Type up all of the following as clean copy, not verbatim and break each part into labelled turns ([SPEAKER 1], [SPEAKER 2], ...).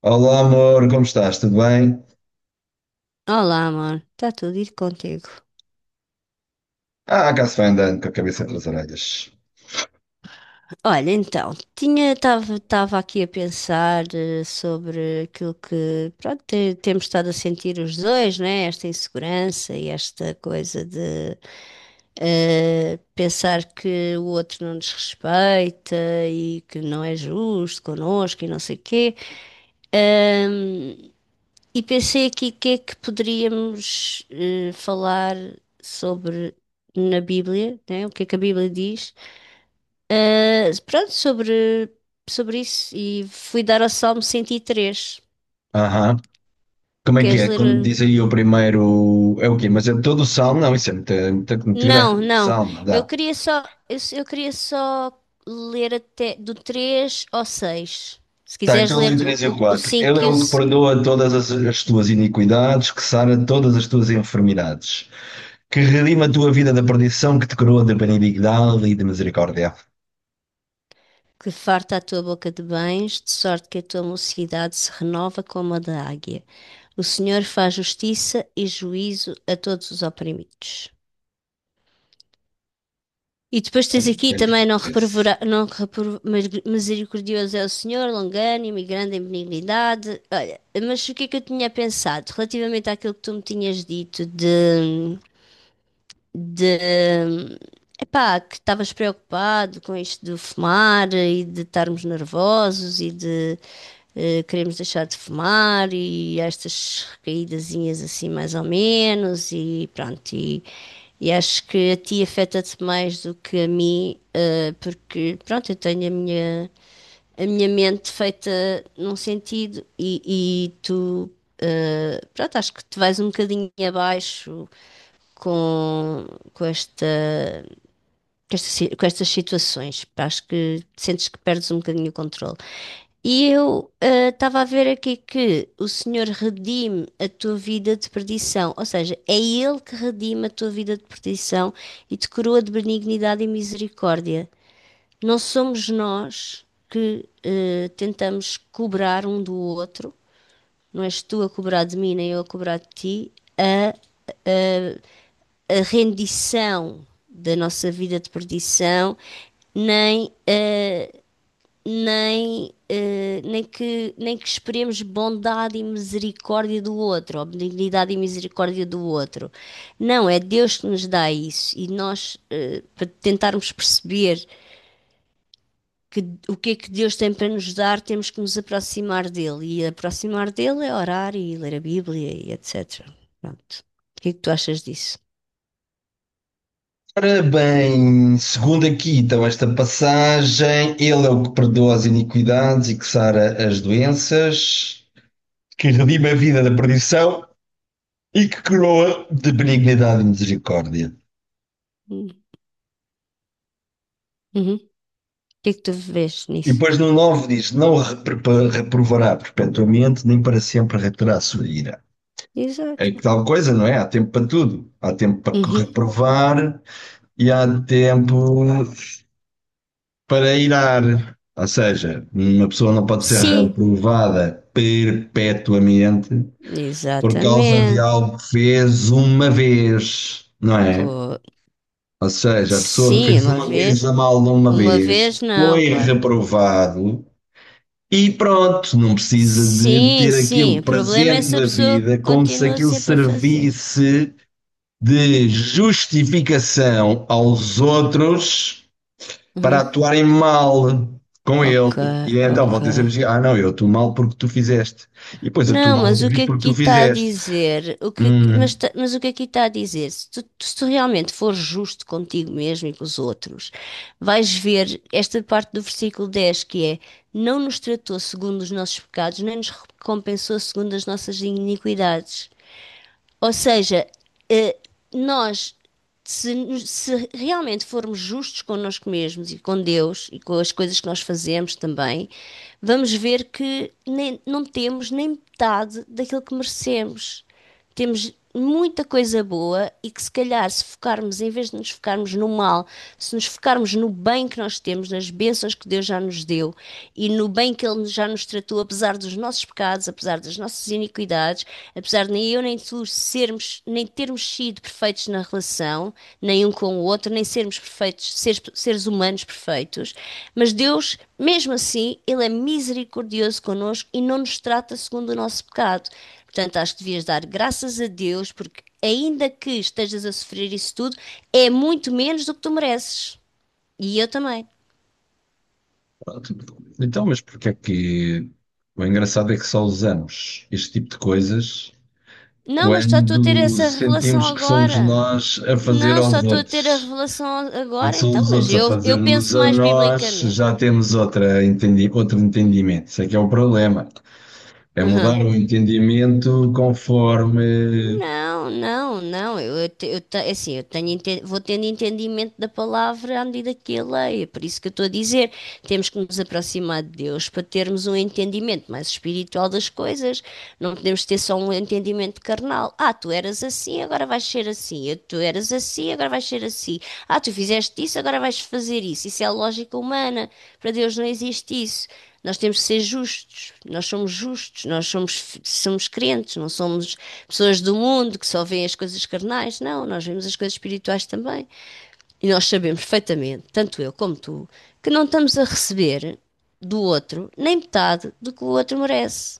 [SPEAKER 1] Olá, amor, como estás? Tudo bem?
[SPEAKER 2] Olá, amor. Está tudo ir contigo.
[SPEAKER 1] Ah, cá se vai andando com a cabeça entre as orelhas.
[SPEAKER 2] Olha, então, tinha estava aqui a pensar sobre aquilo que, pronto, temos estado a sentir os dois, né? Esta insegurança e esta coisa de pensar que o outro não nos respeita e que não é justo connosco e não sei o quê. Ahm, e pensei aqui o que é que poderíamos falar sobre na Bíblia, né? O que é que a Bíblia diz? Ah, pronto, sobre isso. E fui dar ao Salmo 103.
[SPEAKER 1] Aham. Como é que
[SPEAKER 2] Queres
[SPEAKER 1] é?
[SPEAKER 2] ler?
[SPEAKER 1] Quando diz aí o primeiro. É o quê? Mas é todo o salmo? Não, isso é muito
[SPEAKER 2] Não,
[SPEAKER 1] grande.
[SPEAKER 2] não.
[SPEAKER 1] Salmo, não
[SPEAKER 2] Eu
[SPEAKER 1] dá.
[SPEAKER 2] queria só, eu queria só ler até do 3 ao 6. Se
[SPEAKER 1] Está em
[SPEAKER 2] quiseres
[SPEAKER 1] todo
[SPEAKER 2] ler
[SPEAKER 1] em 3 e o
[SPEAKER 2] o
[SPEAKER 1] 4. Ele
[SPEAKER 2] 5
[SPEAKER 1] é
[SPEAKER 2] e o,
[SPEAKER 1] o que
[SPEAKER 2] se-
[SPEAKER 1] perdoa todas as tuas iniquidades, que sara todas as tuas enfermidades, que redima a tua vida da perdição, que te coroa de benignidade e de misericórdia.
[SPEAKER 2] Que farta a tua boca de bens, de sorte que a tua mocidade se renova como a da águia. O Senhor faz justiça e juízo a todos os oprimidos. E depois tens aqui também não reprovar, mas misericordioso é o Senhor, longânimo e grande em benignidade. Olha, mas o que é que eu tinha pensado relativamente àquilo que tu me tinhas dito de epá, que estavas preocupado com isto de fumar e de estarmos nervosos e de queremos deixar de fumar e estas recaídazinhas assim mais ou menos e pronto e acho que a ti afeta-te mais do que a mim porque pronto eu tenho a minha mente feita num sentido e tu pronto acho que te vais um bocadinho abaixo com, com esta, com esta com estas situações. Pá, acho que sentes que perdes um bocadinho o controle. E eu estava a ver aqui que o Senhor redime a tua vida de perdição, ou seja, é Ele que redime a tua vida de perdição e te coroa de benignidade e misericórdia. Não somos nós que tentamos cobrar um do outro, não és tu a cobrar de mim, nem eu a cobrar de ti, a a a rendição da nossa vida de perdição, nem, uh, nem que esperemos bondade e misericórdia do outro, ou benignidade e misericórdia do outro. Não, é Deus que nos dá isso e nós, para tentarmos perceber que, o que é que Deus tem para nos dar, temos que nos aproximar dele. E aproximar dele é orar e ler a Bíblia e etc. Pronto. O que é que tu achas disso?
[SPEAKER 1] Ora bem, segundo aqui então esta passagem, ele é o que perdoa as iniquidades e que sara as doenças, que redime a vida da perdição e que coroa de benignidade e misericórdia.
[SPEAKER 2] Uhum. Que é que tu vês
[SPEAKER 1] E
[SPEAKER 2] nisso?
[SPEAKER 1] depois no nove diz, não reprovará perpetuamente, nem para sempre reterá a sua ira. É que
[SPEAKER 2] Exato.
[SPEAKER 1] tal coisa, não é? Há tempo para tudo. Há tempo para
[SPEAKER 2] Uhum.
[SPEAKER 1] reprovar, e há tempo para irar. Ou seja, uma pessoa não pode ser
[SPEAKER 2] Sim,
[SPEAKER 1] reprovada perpetuamente por causa de
[SPEAKER 2] exatamente.
[SPEAKER 1] algo que fez uma vez, não é?
[SPEAKER 2] Pô,
[SPEAKER 1] Ou seja, a pessoa que
[SPEAKER 2] sim,
[SPEAKER 1] fez
[SPEAKER 2] uma
[SPEAKER 1] uma
[SPEAKER 2] vez.
[SPEAKER 1] coisa mal de uma
[SPEAKER 2] Uma vez
[SPEAKER 1] vez
[SPEAKER 2] não,
[SPEAKER 1] foi
[SPEAKER 2] claro.
[SPEAKER 1] reprovado e pronto, não precisa de
[SPEAKER 2] Sim,
[SPEAKER 1] ter
[SPEAKER 2] sim.
[SPEAKER 1] aquilo
[SPEAKER 2] O problema é
[SPEAKER 1] presente
[SPEAKER 2] se a
[SPEAKER 1] na
[SPEAKER 2] pessoa
[SPEAKER 1] vida como se
[SPEAKER 2] continua
[SPEAKER 1] aquilo
[SPEAKER 2] sempre a fazer.
[SPEAKER 1] servisse de justificação aos outros para
[SPEAKER 2] Uhum.
[SPEAKER 1] atuarem mal com
[SPEAKER 2] Ok,
[SPEAKER 1] ele. E então
[SPEAKER 2] ok.
[SPEAKER 1] vão ter sempre dizer, assim, ah não, eu atuo mal porque tu fizeste. E depois atuo
[SPEAKER 2] Não,
[SPEAKER 1] mal
[SPEAKER 2] mas
[SPEAKER 1] outra
[SPEAKER 2] o
[SPEAKER 1] vez
[SPEAKER 2] que
[SPEAKER 1] porque
[SPEAKER 2] aqui
[SPEAKER 1] tu
[SPEAKER 2] está a
[SPEAKER 1] fizeste.
[SPEAKER 2] dizer? O que,
[SPEAKER 1] Hum,
[SPEAKER 2] mas, ta- mas o que aqui está a dizer? Se tu, se tu realmente fores justo contigo mesmo e com os outros, vais ver esta parte do versículo 10 que é: não nos tratou segundo os nossos pecados, nem nos recompensou segundo as nossas iniquidades. Ou seja, nós, se, se realmente formos justos connosco mesmos e com Deus e com as coisas que nós fazemos também, vamos ver que não temos nem metade daquilo que merecemos, temos muita coisa boa e que se calhar se focarmos, em vez de nos focarmos no mal, se nos focarmos no bem que nós temos, nas bênçãos que Deus já nos deu e no bem que Ele já nos tratou, apesar dos nossos pecados, apesar das nossas iniquidades, apesar de nem eu nem tu sermos, nem termos sido perfeitos na relação, nem um com o outro, nem sermos perfeitos, seres humanos perfeitos, mas Deus, mesmo assim, Ele é misericordioso connosco e não nos trata segundo o nosso pecado. Portanto, acho que devias dar graças a Deus, porque ainda que estejas a sofrer isso tudo, é muito menos do que tu mereces. E eu também.
[SPEAKER 1] pronto. Então, mas porque é que... O engraçado é que só usamos este tipo de coisas
[SPEAKER 2] Não, mas só estou a ter
[SPEAKER 1] quando
[SPEAKER 2] essa revelação
[SPEAKER 1] sentimos que somos
[SPEAKER 2] agora.
[SPEAKER 1] nós a fazer
[SPEAKER 2] Não, só
[SPEAKER 1] aos
[SPEAKER 2] estou a ter a
[SPEAKER 1] outros.
[SPEAKER 2] revelação
[SPEAKER 1] Quando
[SPEAKER 2] agora,
[SPEAKER 1] são
[SPEAKER 2] então,
[SPEAKER 1] os
[SPEAKER 2] mas
[SPEAKER 1] outros a
[SPEAKER 2] eu
[SPEAKER 1] fazer-nos
[SPEAKER 2] penso
[SPEAKER 1] a
[SPEAKER 2] mais
[SPEAKER 1] nós,
[SPEAKER 2] biblicamente.
[SPEAKER 1] já temos outro entendimento. Isso é que é o problema. É mudar
[SPEAKER 2] Uhum.
[SPEAKER 1] o entendimento conforme.
[SPEAKER 2] Não, não, não. É assim, vou tendo entendimento da palavra à medida que a leio. É por isso que eu estou a dizer, temos que nos aproximar de Deus para termos um entendimento mais espiritual das coisas. Não podemos ter só um entendimento carnal. Ah, tu eras assim, agora vais ser assim. Sim, tu eras assim, agora vais ser assim. Ah, tu fizeste isso, agora vais fazer isso. Isso é a lógica humana. Para Deus não existe isso. Nós temos que ser justos. Nós somos justos, nós somos, somos crentes, não somos pessoas do mundo que só veem as coisas carnais. Não, nós vemos as coisas espirituais também. E nós sabemos perfeitamente, tanto eu como tu, que não estamos a receber do outro nem metade do que o outro merece.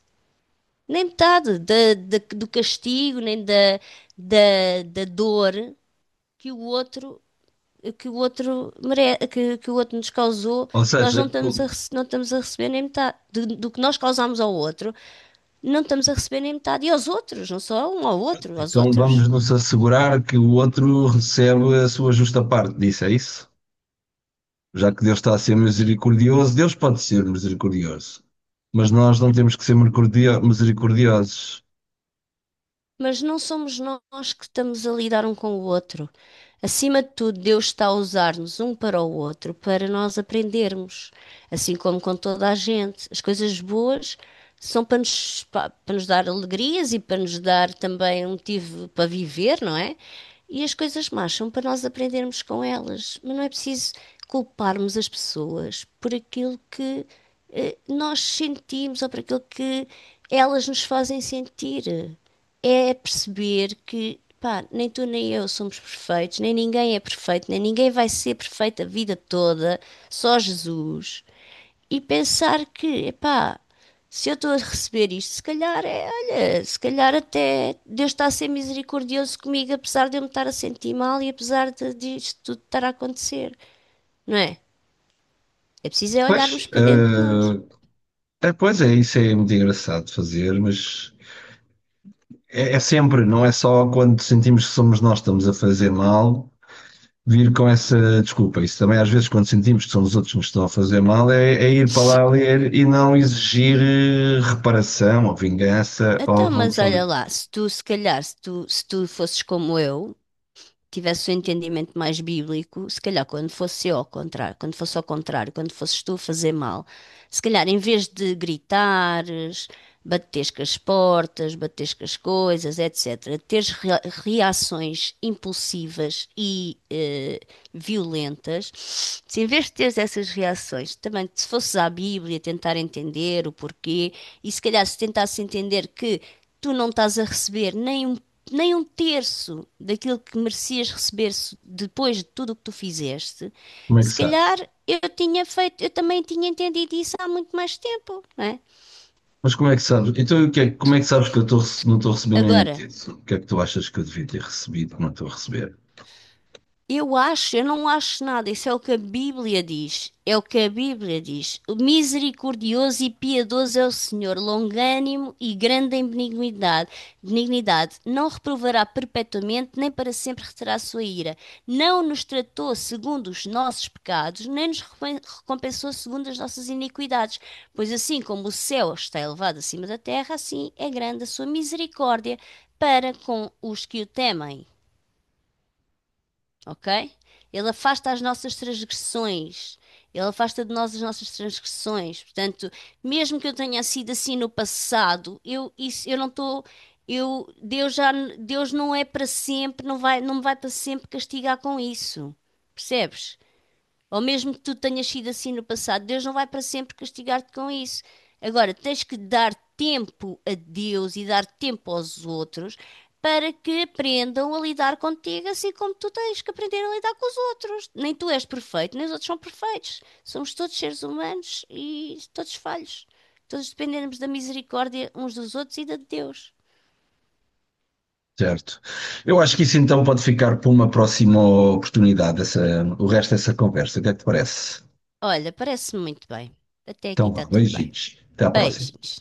[SPEAKER 2] Nem metade do castigo, nem da, da, da dor que o outro que o outro que o outro nos causou,
[SPEAKER 1] Ou
[SPEAKER 2] nós
[SPEAKER 1] seja,
[SPEAKER 2] não estamos a,
[SPEAKER 1] o-
[SPEAKER 2] rece- não estamos a receber nem metade do que nós causamos ao outro, não estamos a receber nem metade. E aos outros, não só a um, ao outro, aos
[SPEAKER 1] então
[SPEAKER 2] outros.
[SPEAKER 1] vamos nos assegurar que o outro recebe a sua justa parte disso, é isso? Já que Deus está a ser misericordioso, Deus pode ser misericordioso, mas nós não temos que ser misericordiosos.
[SPEAKER 2] Mas não somos nós que estamos a lidar um com o outro. Acima de tudo, Deus está a usar-nos um para o outro para nós aprendermos, assim como com toda a gente. As coisas boas são para para nos dar alegrias e para nos dar também um motivo para viver, não é? E as coisas más são para nós aprendermos com elas. Mas não é preciso culparmos as pessoas por aquilo que nós sentimos ou por aquilo que elas nos fazem sentir, é perceber que, pá, nem tu nem eu somos perfeitos, nem ninguém é perfeito, nem ninguém vai ser perfeito a vida toda, só Jesus. E pensar que, epá, se eu estou a receber isto, se calhar é, olha, se calhar até Deus está a ser misericordioso comigo, apesar de eu me estar a sentir mal e apesar de disto tudo estar a acontecer, não é? É preciso é olharmos
[SPEAKER 1] Pois,
[SPEAKER 2] para dentro de nós.
[SPEAKER 1] é, pois é, isso é muito engraçado de fazer, mas é, é sempre, não é só quando sentimos que somos nós que estamos a fazer mal vir com essa desculpa. Isso também, às vezes, quando sentimos que são os outros que nos estão a fazer mal, é, é ir para lá ler e não exigir reparação ou vingança ou
[SPEAKER 2] Então,
[SPEAKER 1] o que
[SPEAKER 2] mas
[SPEAKER 1] for.
[SPEAKER 2] olha lá, se tu, se calhar, se tu, se tu fosses como eu, tivesse o entendimento mais bíblico, se calhar quando fosse ao contrário, quando fosses tu a fazer mal, se calhar em vez de gritar, bateres com as portas, bateres com as coisas, etc. Teres reações impulsivas e violentas, se em vez de teres essas reações, também se fosses à Bíblia tentar entender o porquê, e se calhar se tentasses entender que tu não estás a receber nem um nem um terço daquilo que merecias receber depois de tudo o que tu fizeste,
[SPEAKER 1] Como é que
[SPEAKER 2] se calhar
[SPEAKER 1] sabes?
[SPEAKER 2] eu tinha feito, eu também tinha entendido isso há muito mais tempo, não é?
[SPEAKER 1] Mas como é que sabes? Então, como é que sabes que eu não estou a receber nenhum
[SPEAKER 2] Agora,
[SPEAKER 1] título? O que é que tu achas que eu devia ter recebido que não estou a receber?
[SPEAKER 2] eu acho, eu não acho nada. Isso é o que a Bíblia diz. É o que a Bíblia diz. O misericordioso e piedoso é o Senhor, longânimo e grande em benignidade. Benignidade. Não reprovará perpetuamente, nem para sempre reterá a sua ira. Não nos tratou segundo os nossos pecados, nem nos recompensou segundo as nossas iniquidades. Pois assim como o céu está elevado acima da terra, assim é grande a sua misericórdia para com os que o temem, ok? Ele afasta as nossas transgressões. Ele afasta de nós as nossas transgressões. Portanto, mesmo que eu tenha sido assim no passado, eu isso eu não estou eu Deus já Deus não é para sempre, não me vai para sempre castigar com isso. Percebes? Ou mesmo que tu tenhas sido assim no passado, Deus não vai para sempre castigar-te com isso. Agora, tens que dar tempo a Deus e dar tempo aos outros para que aprendam a lidar contigo, assim como tu tens que aprender a lidar com os outros. Nem tu és perfeito, nem os outros são perfeitos. Somos todos seres humanos e todos falhos. Todos dependemos da misericórdia uns dos outros e da de Deus.
[SPEAKER 1] Certo. Eu acho que isso então pode ficar para uma próxima oportunidade, essa, o resto dessa conversa. O que é que te parece?
[SPEAKER 2] Olha, parece-me muito bem. Até aqui
[SPEAKER 1] Então
[SPEAKER 2] está
[SPEAKER 1] vá,
[SPEAKER 2] tudo bem.
[SPEAKER 1] beijinhos. Até à próxima.
[SPEAKER 2] Beijinhos.